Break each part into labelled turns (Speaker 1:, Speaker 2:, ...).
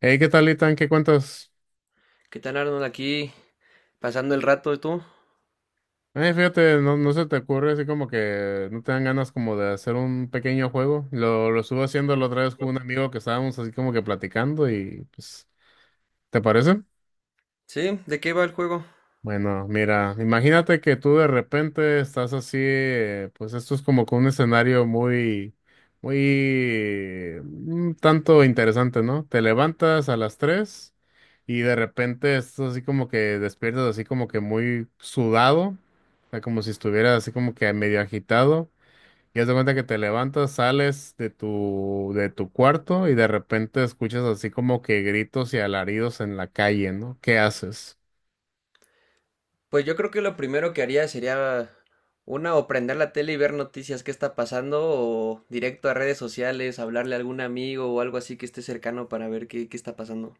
Speaker 1: Hey, ¿qué tal, Itan? ¿Qué cuentas?
Speaker 2: ¿Qué tal, Arnold? Aquí pasando el rato, ¿y tú?
Speaker 1: Fíjate, no se te ocurre así como que no te dan ganas como de hacer un pequeño juego. Lo estuve haciendo la otra vez con un amigo que estábamos así como que platicando y pues, ¿te parece?
Speaker 2: Sí, ¿de qué va el juego?
Speaker 1: Bueno, mira, imagínate que tú de repente estás así, pues esto es como que un escenario muy, muy, un tanto interesante, ¿no? Te levantas a las 3 y de repente estás así como que despiertas así como que muy sudado, o sea, como si estuvieras así como que medio agitado. Y haz de cuenta que te levantas, sales de de tu cuarto y de repente escuchas así como que gritos y alaridos en la calle, ¿no? ¿Qué haces?
Speaker 2: Pues yo creo que lo primero que haría sería una o prender la tele y ver noticias, qué está pasando, o directo a redes sociales, hablarle a algún amigo o algo así que esté cercano para ver qué está pasando.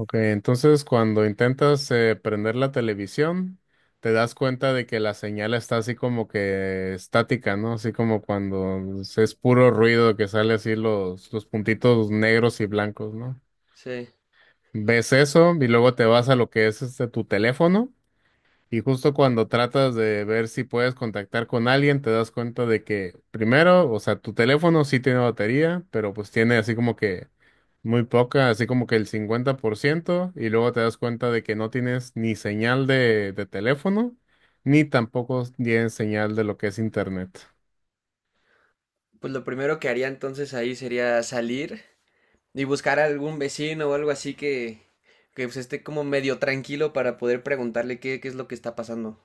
Speaker 1: Ok, entonces cuando intentas prender la televisión, te das cuenta de que la señal está así como que estática, ¿no? Así como cuando es puro ruido que sale así los puntitos negros y blancos, ¿no?
Speaker 2: Sí,
Speaker 1: Ves eso y luego te vas a lo que es este tu teléfono. Y justo cuando tratas de ver si puedes contactar con alguien, te das cuenta de que primero, o sea, tu teléfono sí tiene batería, pero pues tiene así como que muy poca, así como que el 50%, y luego te das cuenta de que no tienes ni señal de teléfono, ni tampoco tienes señal de lo que es internet.
Speaker 2: pues lo primero que haría entonces ahí sería salir y buscar a algún vecino o algo así que pues, esté como medio tranquilo para poder preguntarle qué es lo que está pasando.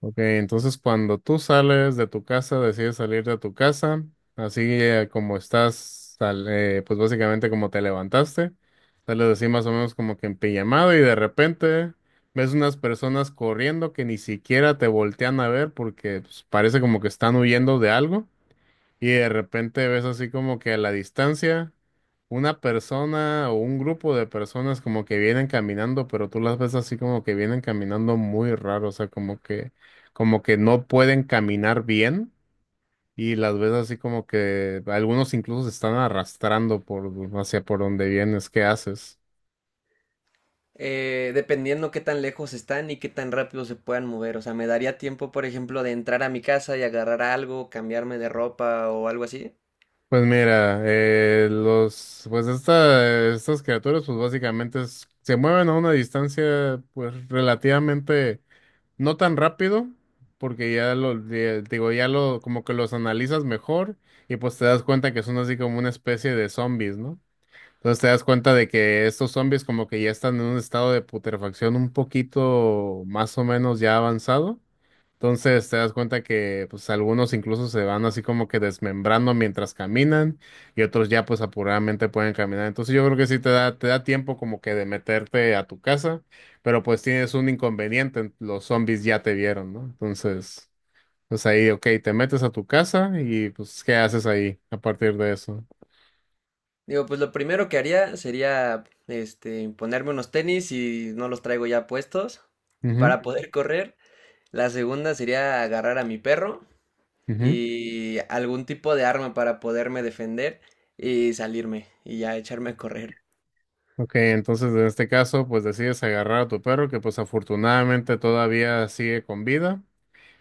Speaker 1: Ok, entonces cuando tú sales de tu casa, decides salir de tu casa, así como estás, pues básicamente como te levantaste, sales así más o menos como que en pijamado y de repente ves unas personas corriendo que ni siquiera te voltean a ver porque pues, parece como que están huyendo de algo. Y de repente ves así como que a la distancia una persona o un grupo de personas como que vienen caminando, pero tú las ves así como que vienen caminando muy raro, o sea, como que no pueden caminar bien y las ves así como que algunos incluso se están arrastrando por hacia por donde vienes, ¿qué haces?
Speaker 2: Dependiendo qué tan lejos están y qué tan rápido se puedan mover. O sea, me daría tiempo, por ejemplo, de entrar a mi casa y agarrar algo, cambiarme de ropa o algo así.
Speaker 1: Pues mira, los pues estas criaturas pues básicamente se mueven a una distancia pues relativamente no tan rápido, porque ya lo, digo, ya lo, como que los analizas mejor y pues te das cuenta que son así como una especie de zombies, ¿no? Entonces te das cuenta de que estos zombies como que ya están en un estado de putrefacción un poquito más o menos ya avanzado. Entonces te das cuenta que pues algunos incluso se van así como que desmembrando mientras caminan y otros ya pues apuradamente pueden caminar. Entonces yo creo que sí te da tiempo como que de meterte a tu casa, pero pues tienes un inconveniente, los zombies ya te vieron, ¿no? Entonces, pues ahí, ok, te metes a tu casa y pues ¿qué haces ahí a partir de eso?
Speaker 2: Digo, pues lo primero que haría sería, este, ponerme unos tenis y no los traigo ya puestos
Speaker 1: Ujú,
Speaker 2: para poder correr. La segunda sería agarrar a mi perro
Speaker 1: ujú.
Speaker 2: y algún tipo de arma para poderme defender y salirme y ya echarme a correr.
Speaker 1: Ok, entonces en este caso pues decides agarrar a tu perro que pues afortunadamente todavía sigue con vida.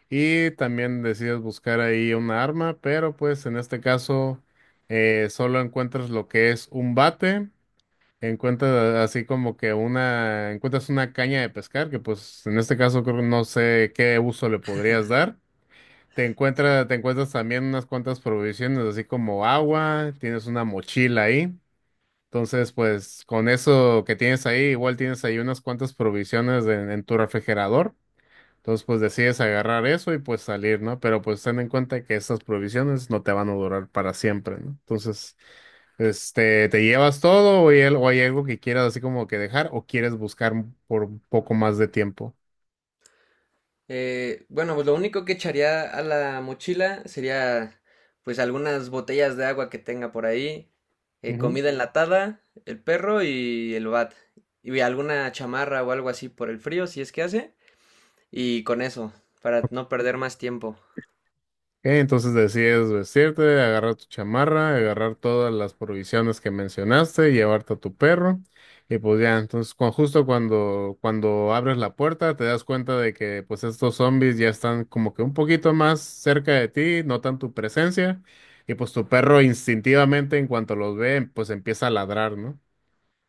Speaker 1: Y también decides buscar ahí un arma, pero pues en este caso solo encuentras lo que es un bate, encuentras así como que una, encuentras una caña de pescar, que pues en este caso creo que no sé qué uso le podrías dar. Te encuentras también unas cuantas provisiones, así como agua, tienes una mochila ahí. Entonces, pues con eso que tienes ahí, igual tienes ahí unas cuantas provisiones en tu refrigerador. Entonces, pues decides agarrar eso y pues salir, ¿no? Pero pues ten en cuenta que estas provisiones no te van a durar para siempre, ¿no? Entonces, este, ¿te llevas todo o hay, o hay algo que quieras así como que dejar o quieres buscar por un poco más de tiempo?
Speaker 2: Bueno, pues lo único que echaría a la mochila sería pues algunas botellas de agua que tenga por ahí, comida enlatada, el perro y el bat, y alguna chamarra o algo así por el frío, si es que hace, y con eso, para no perder más tiempo.
Speaker 1: Ok, entonces decides vestirte, agarrar tu chamarra, agarrar todas las provisiones que mencionaste, llevarte a tu perro. Y pues ya, entonces justo cuando abres la puerta te das cuenta de que pues estos zombies ya están como que un poquito más cerca de ti, notan tu presencia y pues tu perro instintivamente en cuanto los ve pues empieza a ladrar, ¿no?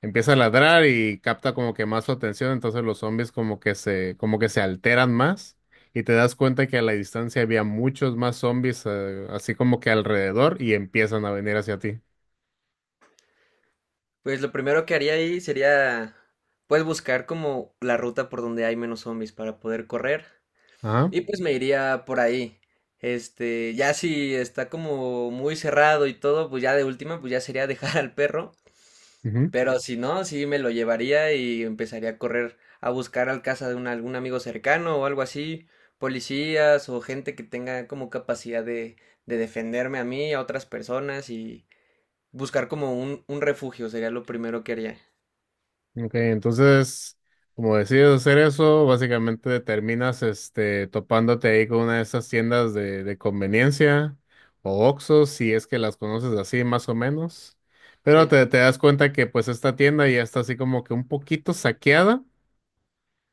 Speaker 1: Empieza a ladrar y capta como que más su atención, entonces los zombies como que se alteran más y te das cuenta que a la distancia había muchos más zombies así como que alrededor y empiezan a venir hacia ti.
Speaker 2: Pues lo primero que haría ahí sería pues buscar como la ruta por donde hay menos zombies para poder correr.
Speaker 1: Ajá.
Speaker 2: Y pues me iría por ahí. Este, ya si está como muy cerrado y todo, pues ya de última, pues ya sería dejar al perro.
Speaker 1: Ujú.
Speaker 2: Pero si no, sí me lo llevaría y empezaría a correr a buscar al casa de un, algún amigo cercano o algo así, policías o gente que tenga como capacidad de defenderme a mí, a otras personas y buscar como un refugio sería lo primero que haría.
Speaker 1: Ok, entonces, como decides hacer eso, básicamente terminas este topándote ahí con una de esas tiendas de conveniencia o oxxos si es que las conoces así más o menos. Pero
Speaker 2: Sí.
Speaker 1: te das cuenta que pues esta tienda ya está así como que un poquito saqueada.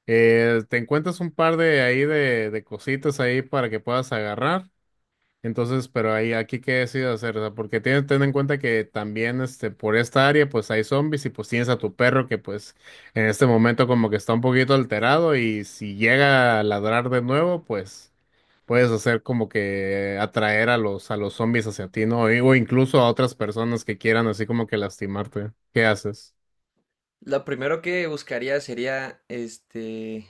Speaker 1: Te encuentras un par de ahí de cositas ahí para que puedas agarrar. Entonces, pero ahí aquí qué decides hacer, o sea, porque tienes ten en cuenta que también este por esta área pues hay zombies y pues tienes a tu perro que pues en este momento como que está un poquito alterado y si llega a ladrar de nuevo, pues puedes hacer como que atraer a los zombies hacia ti, ¿no? Y- O incluso a otras personas que quieran así como que lastimarte. ¿Qué haces?
Speaker 2: Lo primero que buscaría sería, este,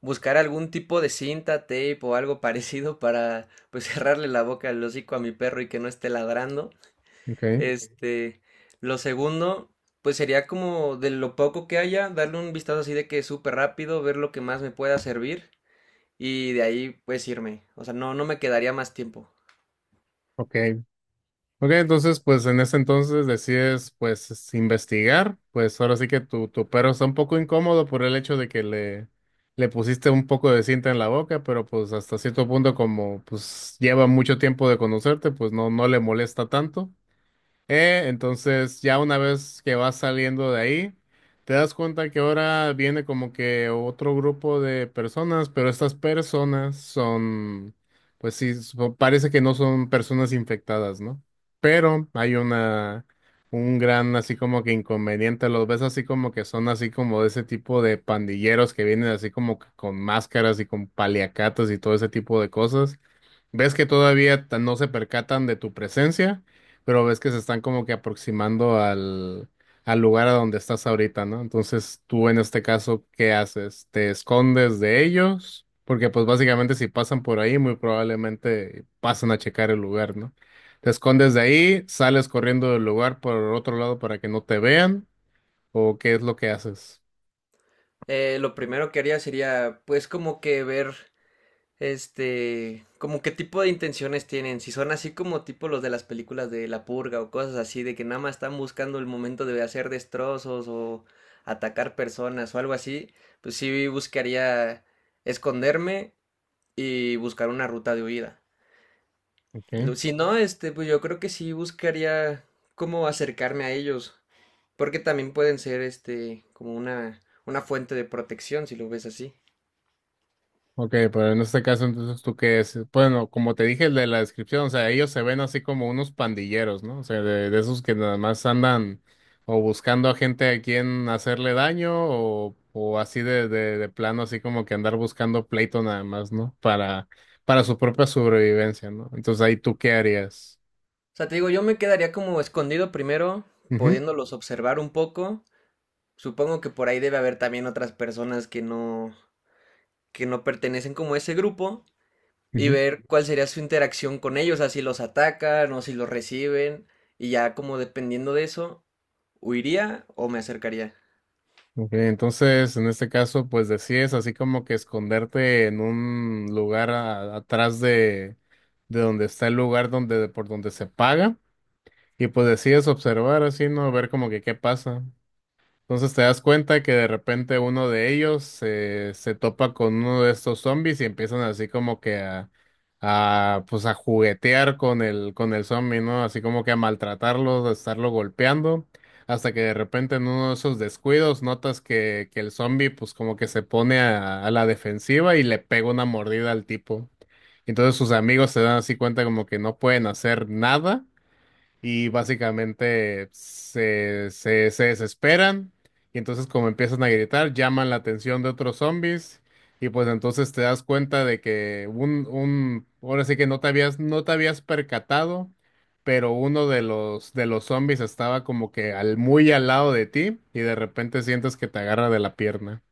Speaker 2: buscar algún tipo de cinta, tape o algo parecido para, pues, cerrarle la boca, al hocico a mi perro y que no esté ladrando.
Speaker 1: Okay,
Speaker 2: Este, lo segundo, pues, sería como de lo poco que haya, darle un vistazo así de que súper rápido, ver lo que más me pueda servir y de ahí, pues, irme. O sea, no me quedaría más tiempo.
Speaker 1: ok. Ok, entonces, pues en ese entonces decides, pues, investigar. Pues ahora sí que tu perro está un poco incómodo por el hecho de que le pusiste un poco de cinta en la boca, pero pues hasta cierto punto, como pues lleva mucho tiempo de conocerte, pues no, no le molesta tanto. Entonces, ya una vez que vas saliendo de ahí, te das cuenta que ahora viene como que otro grupo de personas, pero estas personas son, pues sí, parece que no son personas infectadas, ¿no? Pero hay una, un gran así como que inconveniente, los ves así como que son así como de ese tipo de pandilleros que vienen así como que con máscaras y con paliacatas y todo ese tipo de cosas. Ves que todavía no se percatan de tu presencia, pero ves que se están como que aproximando al, al lugar a donde estás ahorita, ¿no? Entonces, tú en este caso, ¿qué haces? ¿Te escondes de ellos? Porque pues básicamente si pasan por ahí, muy probablemente pasan a checar el lugar, ¿no? ¿Te escondes de ahí? ¿Sales corriendo del lugar por otro lado para que no te vean? ¿O qué es lo que haces?
Speaker 2: Lo primero que haría sería, pues, como que ver este, como qué tipo de intenciones tienen, si son así como tipo los de las películas de La Purga o cosas así, de que nada más están buscando el momento de hacer destrozos o atacar personas o algo así, pues sí buscaría esconderme y buscar una ruta de huida.
Speaker 1: Ok.
Speaker 2: Lo- Si no, este, pues yo creo que sí buscaría cómo acercarme a ellos, porque también pueden ser, este, como una fuente de protección, si lo ves así.
Speaker 1: Ok, pero en este caso, entonces, ¿tú qué es? Bueno, como te dije el de la descripción, o sea, ellos se ven así como unos pandilleros, ¿no? O sea, de esos que nada más andan o buscando a gente a quien hacerle daño o así de, de plano, así como que andar buscando pleito nada más, ¿no? Para su propia sobrevivencia, ¿no? Entonces, ahí tú qué harías.
Speaker 2: O sea, te digo, yo me quedaría como escondido primero,
Speaker 1: Ujú,
Speaker 2: pudiéndolos observar un poco. Supongo que por ahí debe haber también otras personas que no pertenecen como a ese grupo y
Speaker 1: ujú.
Speaker 2: ver cuál sería su interacción con ellos, así los atacan o si los reciben y ya como dependiendo de eso, huiría o me acercaría.
Speaker 1: Ok, entonces en este caso, pues decides así como que esconderte en un lugar atrás de donde está el lugar donde, por donde se paga, y pues decides observar así, ¿no? Ver como que qué pasa. Entonces te das cuenta que de repente uno de ellos se topa con uno de estos zombies y empiezan así como que a, pues a juguetear con el zombie, ¿no? Así como que a maltratarlo, a estarlo golpeando, hasta que de repente en uno de esos descuidos notas que el zombie pues como que se pone a la defensiva y le pega una mordida al tipo. Entonces sus amigos se dan así cuenta como que no pueden hacer nada y básicamente se desesperan y entonces como empiezan a gritar, llaman la atención de otros zombies y pues entonces te das cuenta de que ahora sí que no te no te habías percatado, pero uno de de los zombies estaba como que al, muy al lado de ti y de repente sientes que te agarra de la pierna.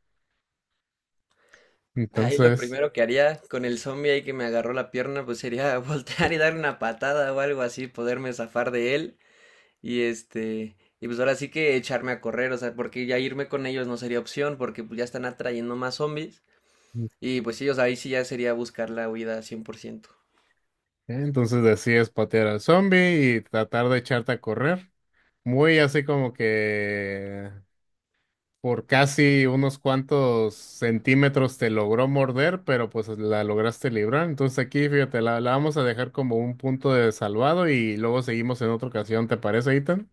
Speaker 2: Ahí lo
Speaker 1: Entonces,
Speaker 2: primero que haría con el zombie ahí que me agarró la pierna, pues sería voltear y darle una patada o algo así, poderme zafar de él. Y este, y pues ahora sí que echarme a correr, o sea, porque ya irme con ellos no sería opción, porque pues ya están atrayendo más zombies. Y pues ellos ahí sí ya sería buscar la huida 100%.
Speaker 1: entonces decides patear al zombie y tratar de echarte a correr. Muy así como que por casi unos cuantos centímetros te logró morder, pero pues la lograste librar. Entonces aquí, fíjate, la vamos a dejar como un punto de salvado y luego seguimos en otra ocasión. ¿Te parece, Ethan?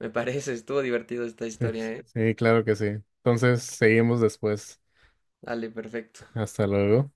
Speaker 2: Me parece, estuvo divertido esta
Speaker 1: Sí,
Speaker 2: historia, ¿eh?
Speaker 1: sí, claro que sí. Entonces seguimos después.
Speaker 2: Dale, perfecto.
Speaker 1: Hasta luego.